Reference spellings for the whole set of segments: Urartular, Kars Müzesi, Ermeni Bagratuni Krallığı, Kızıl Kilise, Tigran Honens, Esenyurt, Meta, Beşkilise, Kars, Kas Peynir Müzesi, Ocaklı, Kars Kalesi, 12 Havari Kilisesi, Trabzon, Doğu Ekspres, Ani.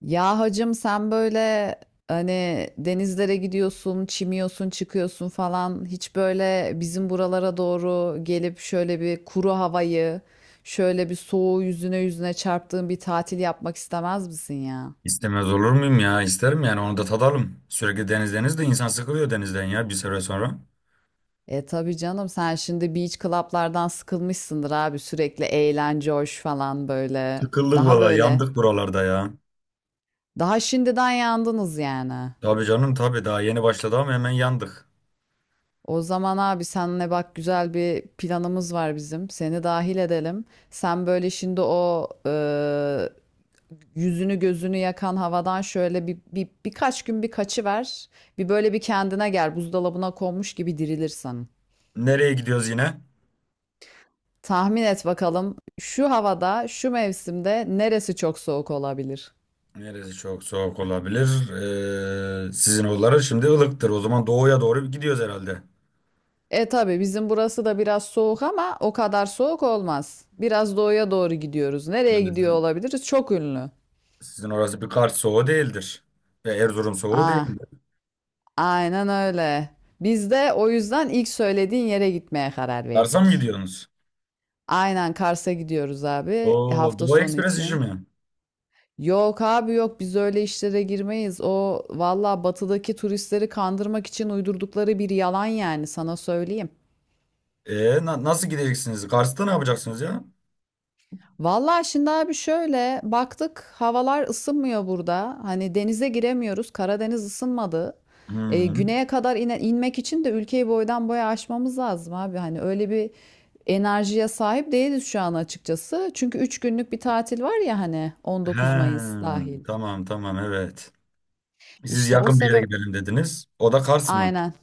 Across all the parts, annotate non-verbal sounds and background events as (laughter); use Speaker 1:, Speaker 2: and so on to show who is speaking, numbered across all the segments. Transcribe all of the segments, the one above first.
Speaker 1: Ya hacım, sen böyle hani denizlere gidiyorsun, çimiyorsun, çıkıyorsun falan, hiç böyle bizim buralara doğru gelip şöyle bir kuru havayı, şöyle bir soğuğu yüzüne yüzüne çarptığın bir tatil yapmak istemez misin ya?
Speaker 2: İstemez olur muyum ya? İsterim yani onu da tadalım. Sürekli deniz deniz de insan sıkılıyor denizden ya bir süre sonra.
Speaker 1: E tabii canım, sen şimdi beach club'lardan sıkılmışsındır abi, sürekli eğlence hoş falan böyle.
Speaker 2: Sıkıldık
Speaker 1: Daha
Speaker 2: valla
Speaker 1: böyle.
Speaker 2: yandık buralarda ya.
Speaker 1: Daha şimdiden yandınız yani.
Speaker 2: Tabii canım tabii daha yeni başladı ama hemen yandık.
Speaker 1: O zaman abi, senle bak güzel bir planımız var bizim. Seni dahil edelim. Sen böyle şimdi o yüzünü gözünü yakan havadan şöyle bir birkaç gün bir kaçıver. Bir böyle bir kendine gel. Buzdolabına konmuş gibi dirilirsen.
Speaker 2: Nereye gidiyoruz yine?
Speaker 1: Tahmin et bakalım, şu havada, şu mevsimde neresi çok soğuk olabilir?
Speaker 2: Neresi çok soğuk olabilir? Sizin oraları şimdi ılıktır. O zaman doğuya doğru gidiyoruz herhalde.
Speaker 1: E tabii, bizim burası da biraz soğuk ama o kadar soğuk olmaz. Biraz doğuya doğru gidiyoruz. Nereye
Speaker 2: Yani
Speaker 1: gidiyor
Speaker 2: sizin,
Speaker 1: olabiliriz? Çok ünlü.
Speaker 2: sizin orası bir Kars soğuğu değildir. Ve Erzurum soğuğu değil.
Speaker 1: Aa. Aynen öyle. Biz de o yüzden ilk söylediğin yere gitmeye karar
Speaker 2: Kars'a mı
Speaker 1: verdik.
Speaker 2: gidiyorsunuz?
Speaker 1: Aynen, Kars'a gidiyoruz abi,
Speaker 2: Oo,
Speaker 1: hafta
Speaker 2: Doğu
Speaker 1: sonu
Speaker 2: Ekspres işi
Speaker 1: için.
Speaker 2: mi?
Speaker 1: Yok abi yok, biz öyle işlere girmeyiz. O valla batıdaki turistleri kandırmak için uydurdukları bir yalan yani, sana söyleyeyim.
Speaker 2: Nasıl gideceksiniz? Kars'ta ne yapacaksınız ya?
Speaker 1: Valla şimdi abi, şöyle baktık, havalar ısınmıyor burada. Hani denize giremiyoruz. Karadeniz ısınmadı. E,
Speaker 2: Hmm.
Speaker 1: güneye kadar inmek için de ülkeyi boydan boya aşmamız lazım abi. Hani öyle bir enerjiye sahip değiliz şu an, açıkçası. Çünkü 3 günlük bir tatil var ya hani, 19
Speaker 2: Ha,
Speaker 1: Mayıs dahil.
Speaker 2: tamam tamam evet. Siz
Speaker 1: İşte o
Speaker 2: yakın bir yere
Speaker 1: sebep,
Speaker 2: gidelim dediniz. O da Kars mı?
Speaker 1: aynen.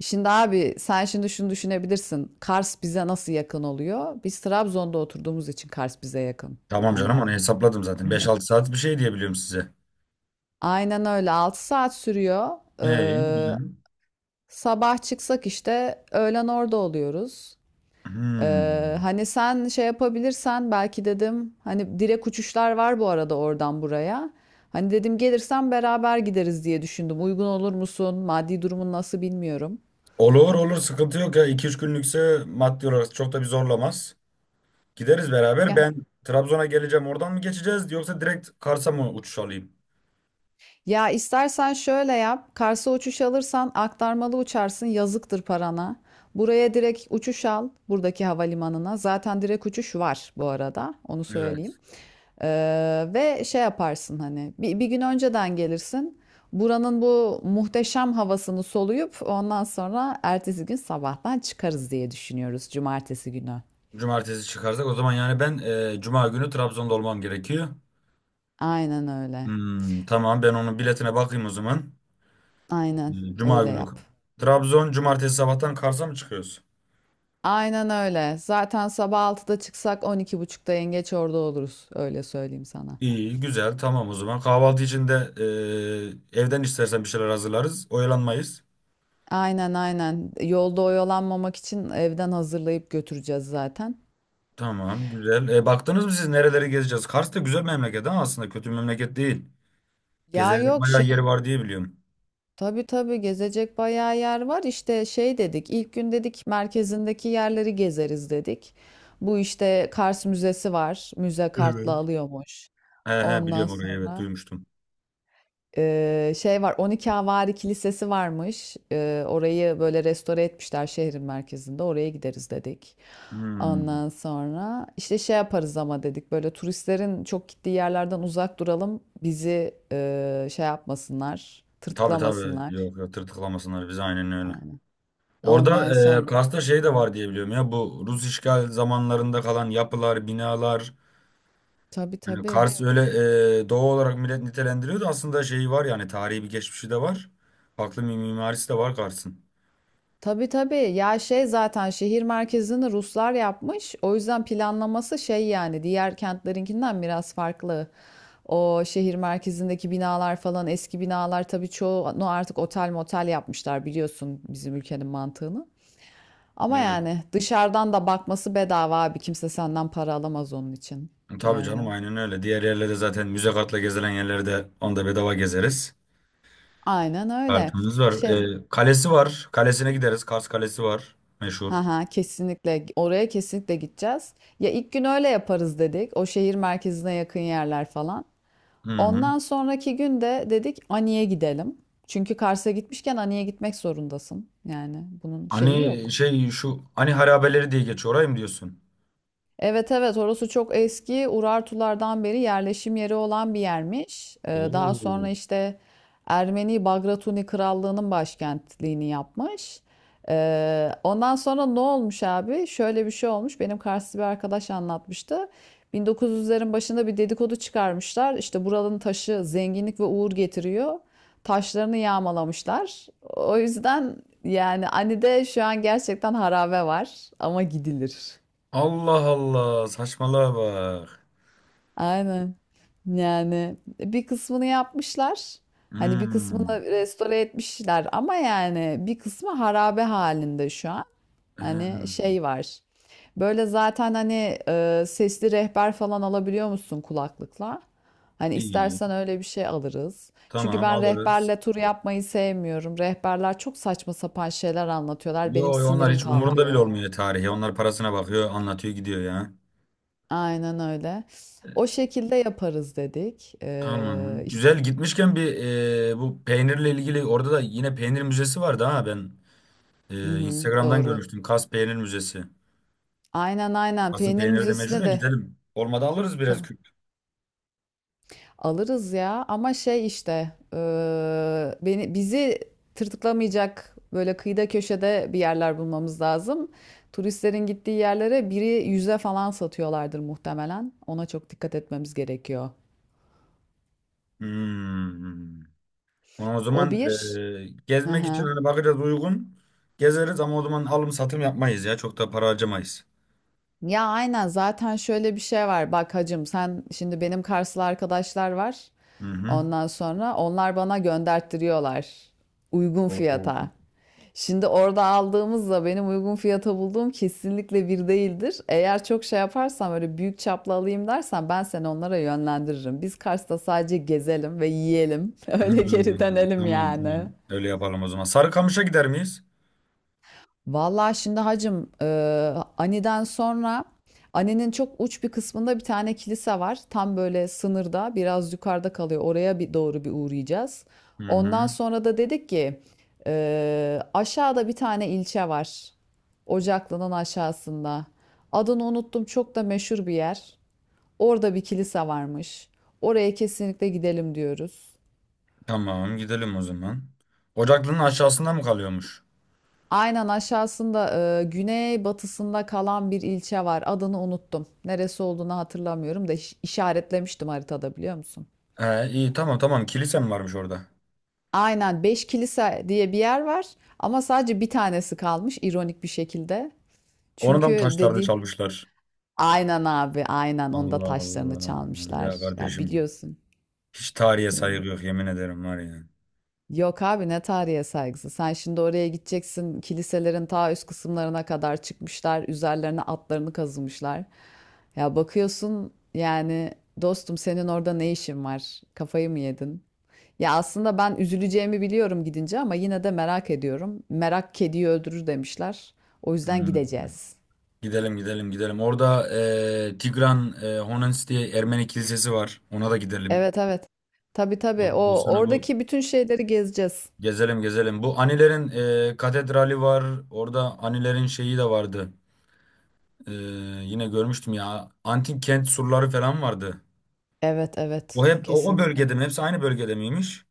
Speaker 1: Şimdi abi, sen şimdi şunu düşünebilirsin. Kars bize nasıl yakın oluyor? Biz Trabzon'da oturduğumuz için Kars bize yakın.
Speaker 2: Tamam canım
Speaker 1: Hani
Speaker 2: onu hesapladım zaten. 5-6 saat bir şey diye biliyorum size.
Speaker 1: aynen öyle. 6 saat sürüyor.
Speaker 2: İyi,
Speaker 1: Ee,
Speaker 2: güzel.
Speaker 1: Sabah çıksak işte öğlen orada oluyoruz.
Speaker 2: Hmm.
Speaker 1: Hani sen şey yapabilirsen belki dedim, hani direkt uçuşlar var bu arada oradan buraya. Hani dedim gelirsen beraber gideriz diye düşündüm. Uygun olur musun? Maddi durumun nasıl, bilmiyorum.
Speaker 2: Olur olur sıkıntı yok ya. 2-3 günlükse maddi olarak çok da bir zorlamaz. Gideriz beraber.
Speaker 1: Ya,
Speaker 2: Ben Trabzon'a geleceğim. Oradan mı geçeceğiz yoksa direkt Kars'a mı uçuş alayım?
Speaker 1: ya, istersen şöyle yap. Kars'a uçuş alırsan aktarmalı uçarsın. Yazıktır parana. Buraya direkt uçuş al, buradaki havalimanına. Zaten direkt uçuş var bu arada. Onu söyleyeyim.
Speaker 2: Evet.
Speaker 1: Ve şey yaparsın hani bir gün önceden gelirsin. Buranın bu muhteşem havasını soluyup ondan sonra ertesi gün sabahtan çıkarız diye düşünüyoruz, cumartesi günü.
Speaker 2: Cumartesi çıkarsak o zaman yani ben Cuma günü Trabzon'da olmam gerekiyor.
Speaker 1: Aynen öyle.
Speaker 2: Hmm, tamam ben onun biletine bakayım o zaman.
Speaker 1: Aynen,
Speaker 2: Hmm, Cuma
Speaker 1: öyle
Speaker 2: günü.
Speaker 1: yap.
Speaker 2: Trabzon cumartesi sabahtan Kars'a mı çıkıyoruz?
Speaker 1: Aynen öyle. Zaten sabah 6'da çıksak 12.30'da yengeç orada oluruz. Öyle söyleyeyim sana.
Speaker 2: İyi, güzel. Tamam o zaman. Kahvaltı için de evden istersen bir şeyler hazırlarız. Oyalanmayız.
Speaker 1: Aynen aynen. Yolda oyalanmamak için evden hazırlayıp götüreceğiz zaten.
Speaker 2: Tamam, güzel. Baktınız mı siz nereleri gezeceğiz? Kars da güzel memleket ama aslında kötü bir memleket değil.
Speaker 1: Ya
Speaker 2: Gezilecek
Speaker 1: yok
Speaker 2: bayağı
Speaker 1: şey
Speaker 2: yeri var diye biliyorum.
Speaker 1: Tabii tabii, gezecek bayağı yer var. İşte şey dedik, ilk gün dedik merkezindeki yerleri gezeriz dedik. Bu işte Kars Müzesi var. Müze kartla
Speaker 2: Evet.
Speaker 1: alıyormuş.
Speaker 2: He he
Speaker 1: Ondan
Speaker 2: biliyorum orayı evet
Speaker 1: sonra
Speaker 2: duymuştum.
Speaker 1: şey var, 12 Havari Kilisesi varmış. Orayı böyle restore etmişler şehrin merkezinde. Oraya gideriz dedik.
Speaker 2: Hmm.
Speaker 1: Ondan sonra işte şey yaparız ama dedik, böyle turistlerin çok gittiği yerlerden uzak duralım. Bizi şey yapmasınlar,
Speaker 2: Tabii tabii
Speaker 1: tırtıklamasınlar.
Speaker 2: yok ya tırtıklamasınlar bizi aynen öyle.
Speaker 1: Aynen.
Speaker 2: Orada
Speaker 1: Ondan sonra.
Speaker 2: Kars'ta şey
Speaker 1: Hı
Speaker 2: de
Speaker 1: hı.
Speaker 2: var diye biliyorum ya bu Rus işgal zamanlarında kalan yapılar, binalar.
Speaker 1: Tabii
Speaker 2: Yani
Speaker 1: tabii.
Speaker 2: Kars öyle doğu olarak millet nitelendiriyordu. Aslında şeyi var yani tarihi bir geçmişi de var. Farklı bir mimarisi de var Kars'ın.
Speaker 1: Tabii tabii. Ya şey, zaten şehir merkezini Ruslar yapmış. O yüzden planlaması şey yani, diğer kentlerinkinden biraz farklı. O şehir merkezindeki binalar falan eski binalar, tabii çoğunu artık otel motel yapmışlar, biliyorsun bizim ülkenin mantığını. Ama
Speaker 2: Evet.
Speaker 1: yani dışarıdan da bakması bedava abi. Kimse senden para alamaz onun için.
Speaker 2: Tabii canım
Speaker 1: Yani.
Speaker 2: aynen öyle. Diğer yerlerde zaten müze kartla gezilen yerlerde onda bedava gezeriz.
Speaker 1: Aynen öyle.
Speaker 2: Kartımız var.
Speaker 1: Şey,
Speaker 2: Kalesi var. Kalesine gideriz. Kars Kalesi var. Meşhur.
Speaker 1: Ha ha, kesinlikle oraya kesinlikle gideceğiz. Ya ilk gün öyle yaparız dedik. O şehir merkezine yakın yerler falan.
Speaker 2: Hı hı.
Speaker 1: Ondan sonraki gün de dedik Ani'ye gidelim. Çünkü Kars'a gitmişken Ani'ye gitmek zorundasın. Yani bunun şeyi
Speaker 2: Hani
Speaker 1: yok.
Speaker 2: şey şu hani harabeleri diye geçiyor orayı mı diyorsun?
Speaker 1: Evet evet, orası çok eski, Urartulardan beri yerleşim yeri olan bir yermiş. Daha sonra
Speaker 2: Oo.
Speaker 1: işte Ermeni Bagratuni Krallığı'nın başkentliğini yapmış. Ondan sonra ne olmuş abi? Şöyle bir şey olmuş. Benim Karslı bir arkadaş anlatmıştı. 1900'lerin başında bir dedikodu çıkarmışlar. İşte buranın taşı zenginlik ve uğur getiriyor. Taşlarını yağmalamışlar. O yüzden yani Ani'de şu an gerçekten harabe var ama gidilir.
Speaker 2: Allah Allah saçmalığa bak.
Speaker 1: Aynen. Yani bir kısmını yapmışlar. Hani bir
Speaker 2: Hmm.
Speaker 1: kısmını restore etmişler ama yani bir kısmı harabe halinde şu an. Hani
Speaker 2: Hmm.
Speaker 1: şey var. Böyle zaten hani sesli rehber falan alabiliyor musun kulaklıkla? Hani
Speaker 2: İyi.
Speaker 1: istersen öyle bir şey alırız. Çünkü
Speaker 2: Tamam
Speaker 1: ben
Speaker 2: alırız.
Speaker 1: rehberle tur yapmayı sevmiyorum. Rehberler çok saçma sapan şeyler anlatıyorlar. Benim
Speaker 2: Yo, yo, onlar
Speaker 1: sinirim
Speaker 2: hiç umurunda bile
Speaker 1: kalkıyor.
Speaker 2: olmuyor tarihi. Onlar parasına bakıyor, anlatıyor, gidiyor ya.
Speaker 1: Aynen öyle. O şekilde yaparız dedik.
Speaker 2: Tamam. Güzel gitmişken bir bu peynirle ilgili orada da yine peynir müzesi vardı ha ben
Speaker 1: Hı hı,
Speaker 2: Instagram'dan
Speaker 1: doğru.
Speaker 2: görmüştüm. Kas Peynir Müzesi.
Speaker 1: Aynen aynen.
Speaker 2: Kas'ın
Speaker 1: Peynir
Speaker 2: peyniri de meşhur
Speaker 1: müzesine
Speaker 2: ya
Speaker 1: de
Speaker 2: gidelim. Olmadı alırız biraz
Speaker 1: ka-
Speaker 2: küp.
Speaker 1: alırız ya. Ama şey işte bizi tırtıklamayacak böyle kıyıda köşede bir yerler bulmamız lazım. Turistlerin gittiği yerlere biri yüze falan satıyorlardır muhtemelen. Ona çok dikkat etmemiz gerekiyor.
Speaker 2: Hmm. Ama o
Speaker 1: O
Speaker 2: zaman
Speaker 1: bir. Hı
Speaker 2: gezmek için
Speaker 1: hı.
Speaker 2: hani bakacağız uygun. Gezeriz ama o zaman alım satım yapmayız ya. Çok da para harcamayız.
Speaker 1: Ya aynen, zaten şöyle bir şey var. Bak hacım, sen şimdi benim Karslı arkadaşlar var.
Speaker 2: Hı hı.
Speaker 1: Ondan sonra onlar bana gönderttiriyorlar. Uygun
Speaker 2: Oo.
Speaker 1: fiyata. Şimdi orada aldığımızla benim uygun fiyata bulduğum kesinlikle bir değildir. Eğer çok şey yaparsam, öyle büyük çaplı alayım dersen, ben seni onlara yönlendiririm. Biz Kars'ta sadece gezelim ve yiyelim. (laughs) Öyle geri
Speaker 2: Hmm,
Speaker 1: dönelim
Speaker 2: tamam
Speaker 1: yani.
Speaker 2: tamam. Öyle yapalım o zaman. Sarıkamış'a gider miyiz?
Speaker 1: Vallahi şimdi hacım, Ani'den sonra Ani'nin çok uç bir kısmında bir tane kilise var. Tam böyle sınırda, biraz yukarıda kalıyor. Oraya bir doğru bir uğrayacağız.
Speaker 2: Hı
Speaker 1: Ondan
Speaker 2: hı.
Speaker 1: sonra da dedik ki aşağıda bir tane ilçe var. Ocaklı'nın aşağısında. Adını unuttum, çok da meşhur bir yer. Orada bir kilise varmış. Oraya kesinlikle gidelim diyoruz.
Speaker 2: Tamam gidelim o zaman. Ocaklının aşağısında mı kalıyormuş?
Speaker 1: Aynen, aşağısında güney batısında kalan bir ilçe var. Adını unuttum. Neresi olduğunu hatırlamıyorum da işaretlemiştim haritada, biliyor musun?
Speaker 2: He iyi tamam tamam kilise mi varmış orada?
Speaker 1: Aynen, Beşkilise diye bir yer var ama sadece bir tanesi kalmış, ironik bir şekilde.
Speaker 2: Onu da mı
Speaker 1: Çünkü
Speaker 2: taşlarda
Speaker 1: dedi,
Speaker 2: çalmışlar?
Speaker 1: aynen abi, aynen onda
Speaker 2: Allah
Speaker 1: taşlarını
Speaker 2: Allah.
Speaker 1: çalmışlar.
Speaker 2: Ya
Speaker 1: Ya
Speaker 2: kardeşim
Speaker 1: biliyorsun.
Speaker 2: hiç tarihe saygı yok yemin ederim var ya.
Speaker 1: Yok abi, ne tarihe saygısı. Sen şimdi oraya gideceksin. Kiliselerin ta üst kısımlarına kadar çıkmışlar. Üzerlerine atlarını kazımışlar. Ya bakıyorsun yani, dostum senin orada ne işin var? Kafayı mı yedin? Ya aslında ben üzüleceğimi biliyorum gidince ama yine de merak ediyorum. Merak kediyi öldürür demişler. O yüzden
Speaker 2: Hmm.
Speaker 1: gideceğiz.
Speaker 2: Gidelim gidelim gidelim. Orada Tigran Honens diye Ermeni kilisesi var. Ona da gidelim.
Speaker 1: Evet evet. Tabii tabii.
Speaker 2: Ondan
Speaker 1: O
Speaker 2: sonra bu.
Speaker 1: oradaki bütün şeyleri gezeceğiz.
Speaker 2: Gezelim gezelim. Bu Anilerin katedrali var. Orada Anilerin şeyi de vardı. E, Yine görmüştüm ya. Antik kent surları falan vardı.
Speaker 1: Evet
Speaker 2: O
Speaker 1: evet.
Speaker 2: hep o
Speaker 1: Kesinlikle.
Speaker 2: bölgede mi? Hepsi aynı bölgede miymiş?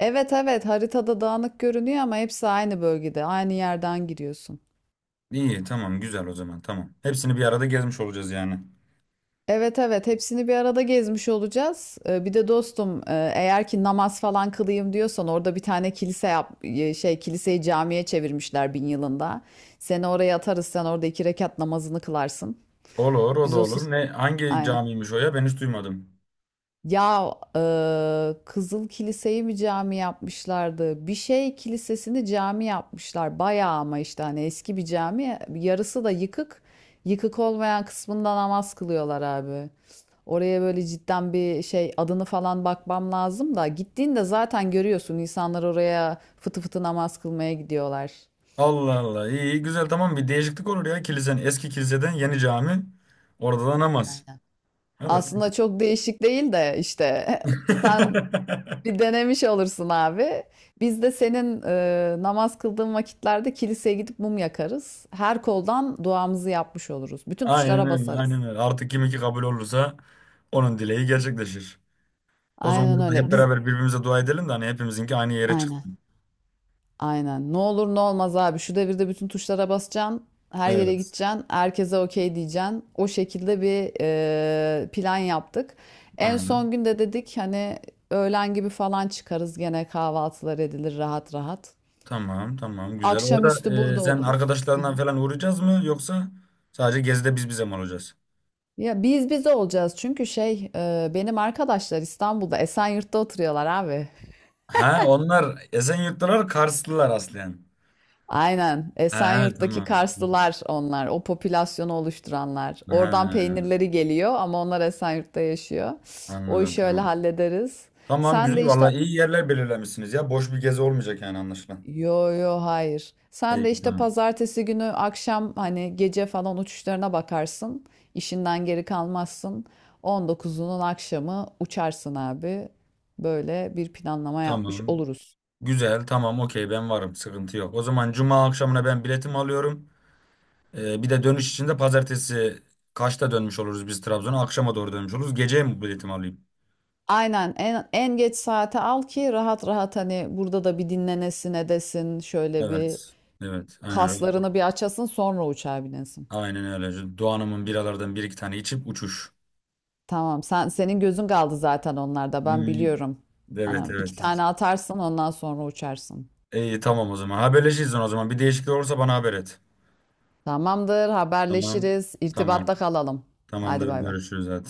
Speaker 1: Evet evet, haritada dağınık görünüyor ama hepsi aynı bölgede, aynı yerden giriyorsun.
Speaker 2: İyi tamam güzel o zaman tamam. Hepsini bir arada gezmiş olacağız yani.
Speaker 1: Evet evet, hepsini bir arada gezmiş olacağız. Bir de dostum, eğer ki namaz falan kılayım diyorsan, orada bir tane kilise şey, kiliseyi camiye çevirmişler 1000 yılında. Seni oraya atarız, sen orada 2 rekat namazını kılarsın.
Speaker 2: Olur o da
Speaker 1: Biz o sır...
Speaker 2: olur. Ne hangi camiymiş o ya? Ben hiç duymadım.
Speaker 1: Ya Kızıl Kilise'yi bir cami yapmışlardı? Bir şey kilisesini cami yapmışlar. Bayağı ama işte hani eski bir cami. Yarısı da yıkık. Yıkık olmayan kısmında namaz kılıyorlar abi. Oraya böyle cidden bir şey, adını falan bakmam lazım da. Gittiğinde zaten görüyorsun, insanlar oraya fıtı fıtı namaz kılmaya gidiyorlar.
Speaker 2: Allah Allah iyi iyi, güzel tamam bir değişiklik olur ya kilisen eski kiliseden yeni cami. Orada da namaz.
Speaker 1: Aynen.
Speaker 2: Olur.
Speaker 1: Aslında çok değişik değil de işte (laughs) sen
Speaker 2: (laughs)
Speaker 1: bir denemiş olursun abi. Biz de senin namaz kıldığın vakitlerde kiliseye gidip mum yakarız. Her koldan duamızı yapmış oluruz. Bütün
Speaker 2: Aynen
Speaker 1: tuşlara
Speaker 2: öyle,
Speaker 1: basarız.
Speaker 2: aynen öyle. Artık kim iki kabul olursa onun dileği gerçekleşir. O zaman
Speaker 1: Aynen
Speaker 2: burada hep
Speaker 1: öyle. Biz
Speaker 2: beraber birbirimize dua edelim de hani hepimizinki aynı yere çıktı.
Speaker 1: aynen. Aynen. Ne olur ne olmaz abi. Şu devirde bütün tuşlara basacaksın. Her yere
Speaker 2: Evet,
Speaker 1: gideceksin. Herkese okey diyeceksin. O şekilde bir plan yaptık. En
Speaker 2: tamam.
Speaker 1: son günde dedik hani öğlen gibi falan çıkarız. Gene kahvaltılar edilir rahat rahat.
Speaker 2: Tamam, tamam. Güzel. Orada
Speaker 1: Akşamüstü burada
Speaker 2: sen
Speaker 1: oluruz.
Speaker 2: arkadaşlarından falan uğrayacağız mı yoksa sadece gezide biz bize mi olacağız?
Speaker 1: Ya biz olacağız çünkü şey, benim arkadaşlar İstanbul'da Esenyurt'ta oturuyorlar abi.
Speaker 2: Ha, onlar Esenyurtlular, Karslılar aslen.
Speaker 1: Aynen,
Speaker 2: Ha, ha,
Speaker 1: Esenyurt'taki
Speaker 2: tamam.
Speaker 1: Karslılar onlar, o popülasyonu oluşturanlar.
Speaker 2: Ha,
Speaker 1: Oradan peynirleri geliyor ama onlar Esenyurt'ta yaşıyor. O
Speaker 2: anladım,
Speaker 1: işi öyle
Speaker 2: tamam.
Speaker 1: hallederiz.
Speaker 2: Tamam,
Speaker 1: Sen
Speaker 2: güzel.
Speaker 1: de işte.
Speaker 2: Vallahi iyi yerler belirlemişsiniz ya. Boş bir gezi olmayacak yani anlaşılan.
Speaker 1: Yo yo hayır. Sen de
Speaker 2: İyi,
Speaker 1: işte
Speaker 2: tamam.
Speaker 1: pazartesi günü akşam hani gece falan uçuşlarına bakarsın. İşinden geri kalmazsın. 19'unun akşamı uçarsın abi. Böyle bir planlama yapmış
Speaker 2: Tamam.
Speaker 1: oluruz.
Speaker 2: Güzel, tamam, okey, ben varım, sıkıntı yok. O zaman cuma akşamına ben biletimi alıyorum. Bir de dönüş için de pazartesi kaçta dönmüş oluruz biz Trabzon'a? Akşama doğru dönmüş oluruz. Geceye mi biletimi alayım?
Speaker 1: Aynen, en geç saate al ki rahat rahat hani burada da bir dinlenesin edesin. Şöyle bir
Speaker 2: Evet, evet, aynen öyle.
Speaker 1: kaslarını bir açasın, sonra uçağa binesin.
Speaker 2: Aynen öyle. Doğan'ımın biralardan bir iki tane içip uçuş.
Speaker 1: Tamam, sen senin gözün kaldı zaten onlarda, ben
Speaker 2: Hmm,
Speaker 1: biliyorum.
Speaker 2: evet,
Speaker 1: Anam iki
Speaker 2: evet.
Speaker 1: tane atarsın, ondan sonra uçarsın.
Speaker 2: İyi, tamam o zaman. Haberleşiriz o zaman. Bir değişiklik olursa bana haber et.
Speaker 1: Tamamdır,
Speaker 2: Tamam,
Speaker 1: haberleşiriz.
Speaker 2: tamam.
Speaker 1: İrtibatta kalalım. Hadi
Speaker 2: Tamamdır,
Speaker 1: bay bay.
Speaker 2: görüşürüz hadi.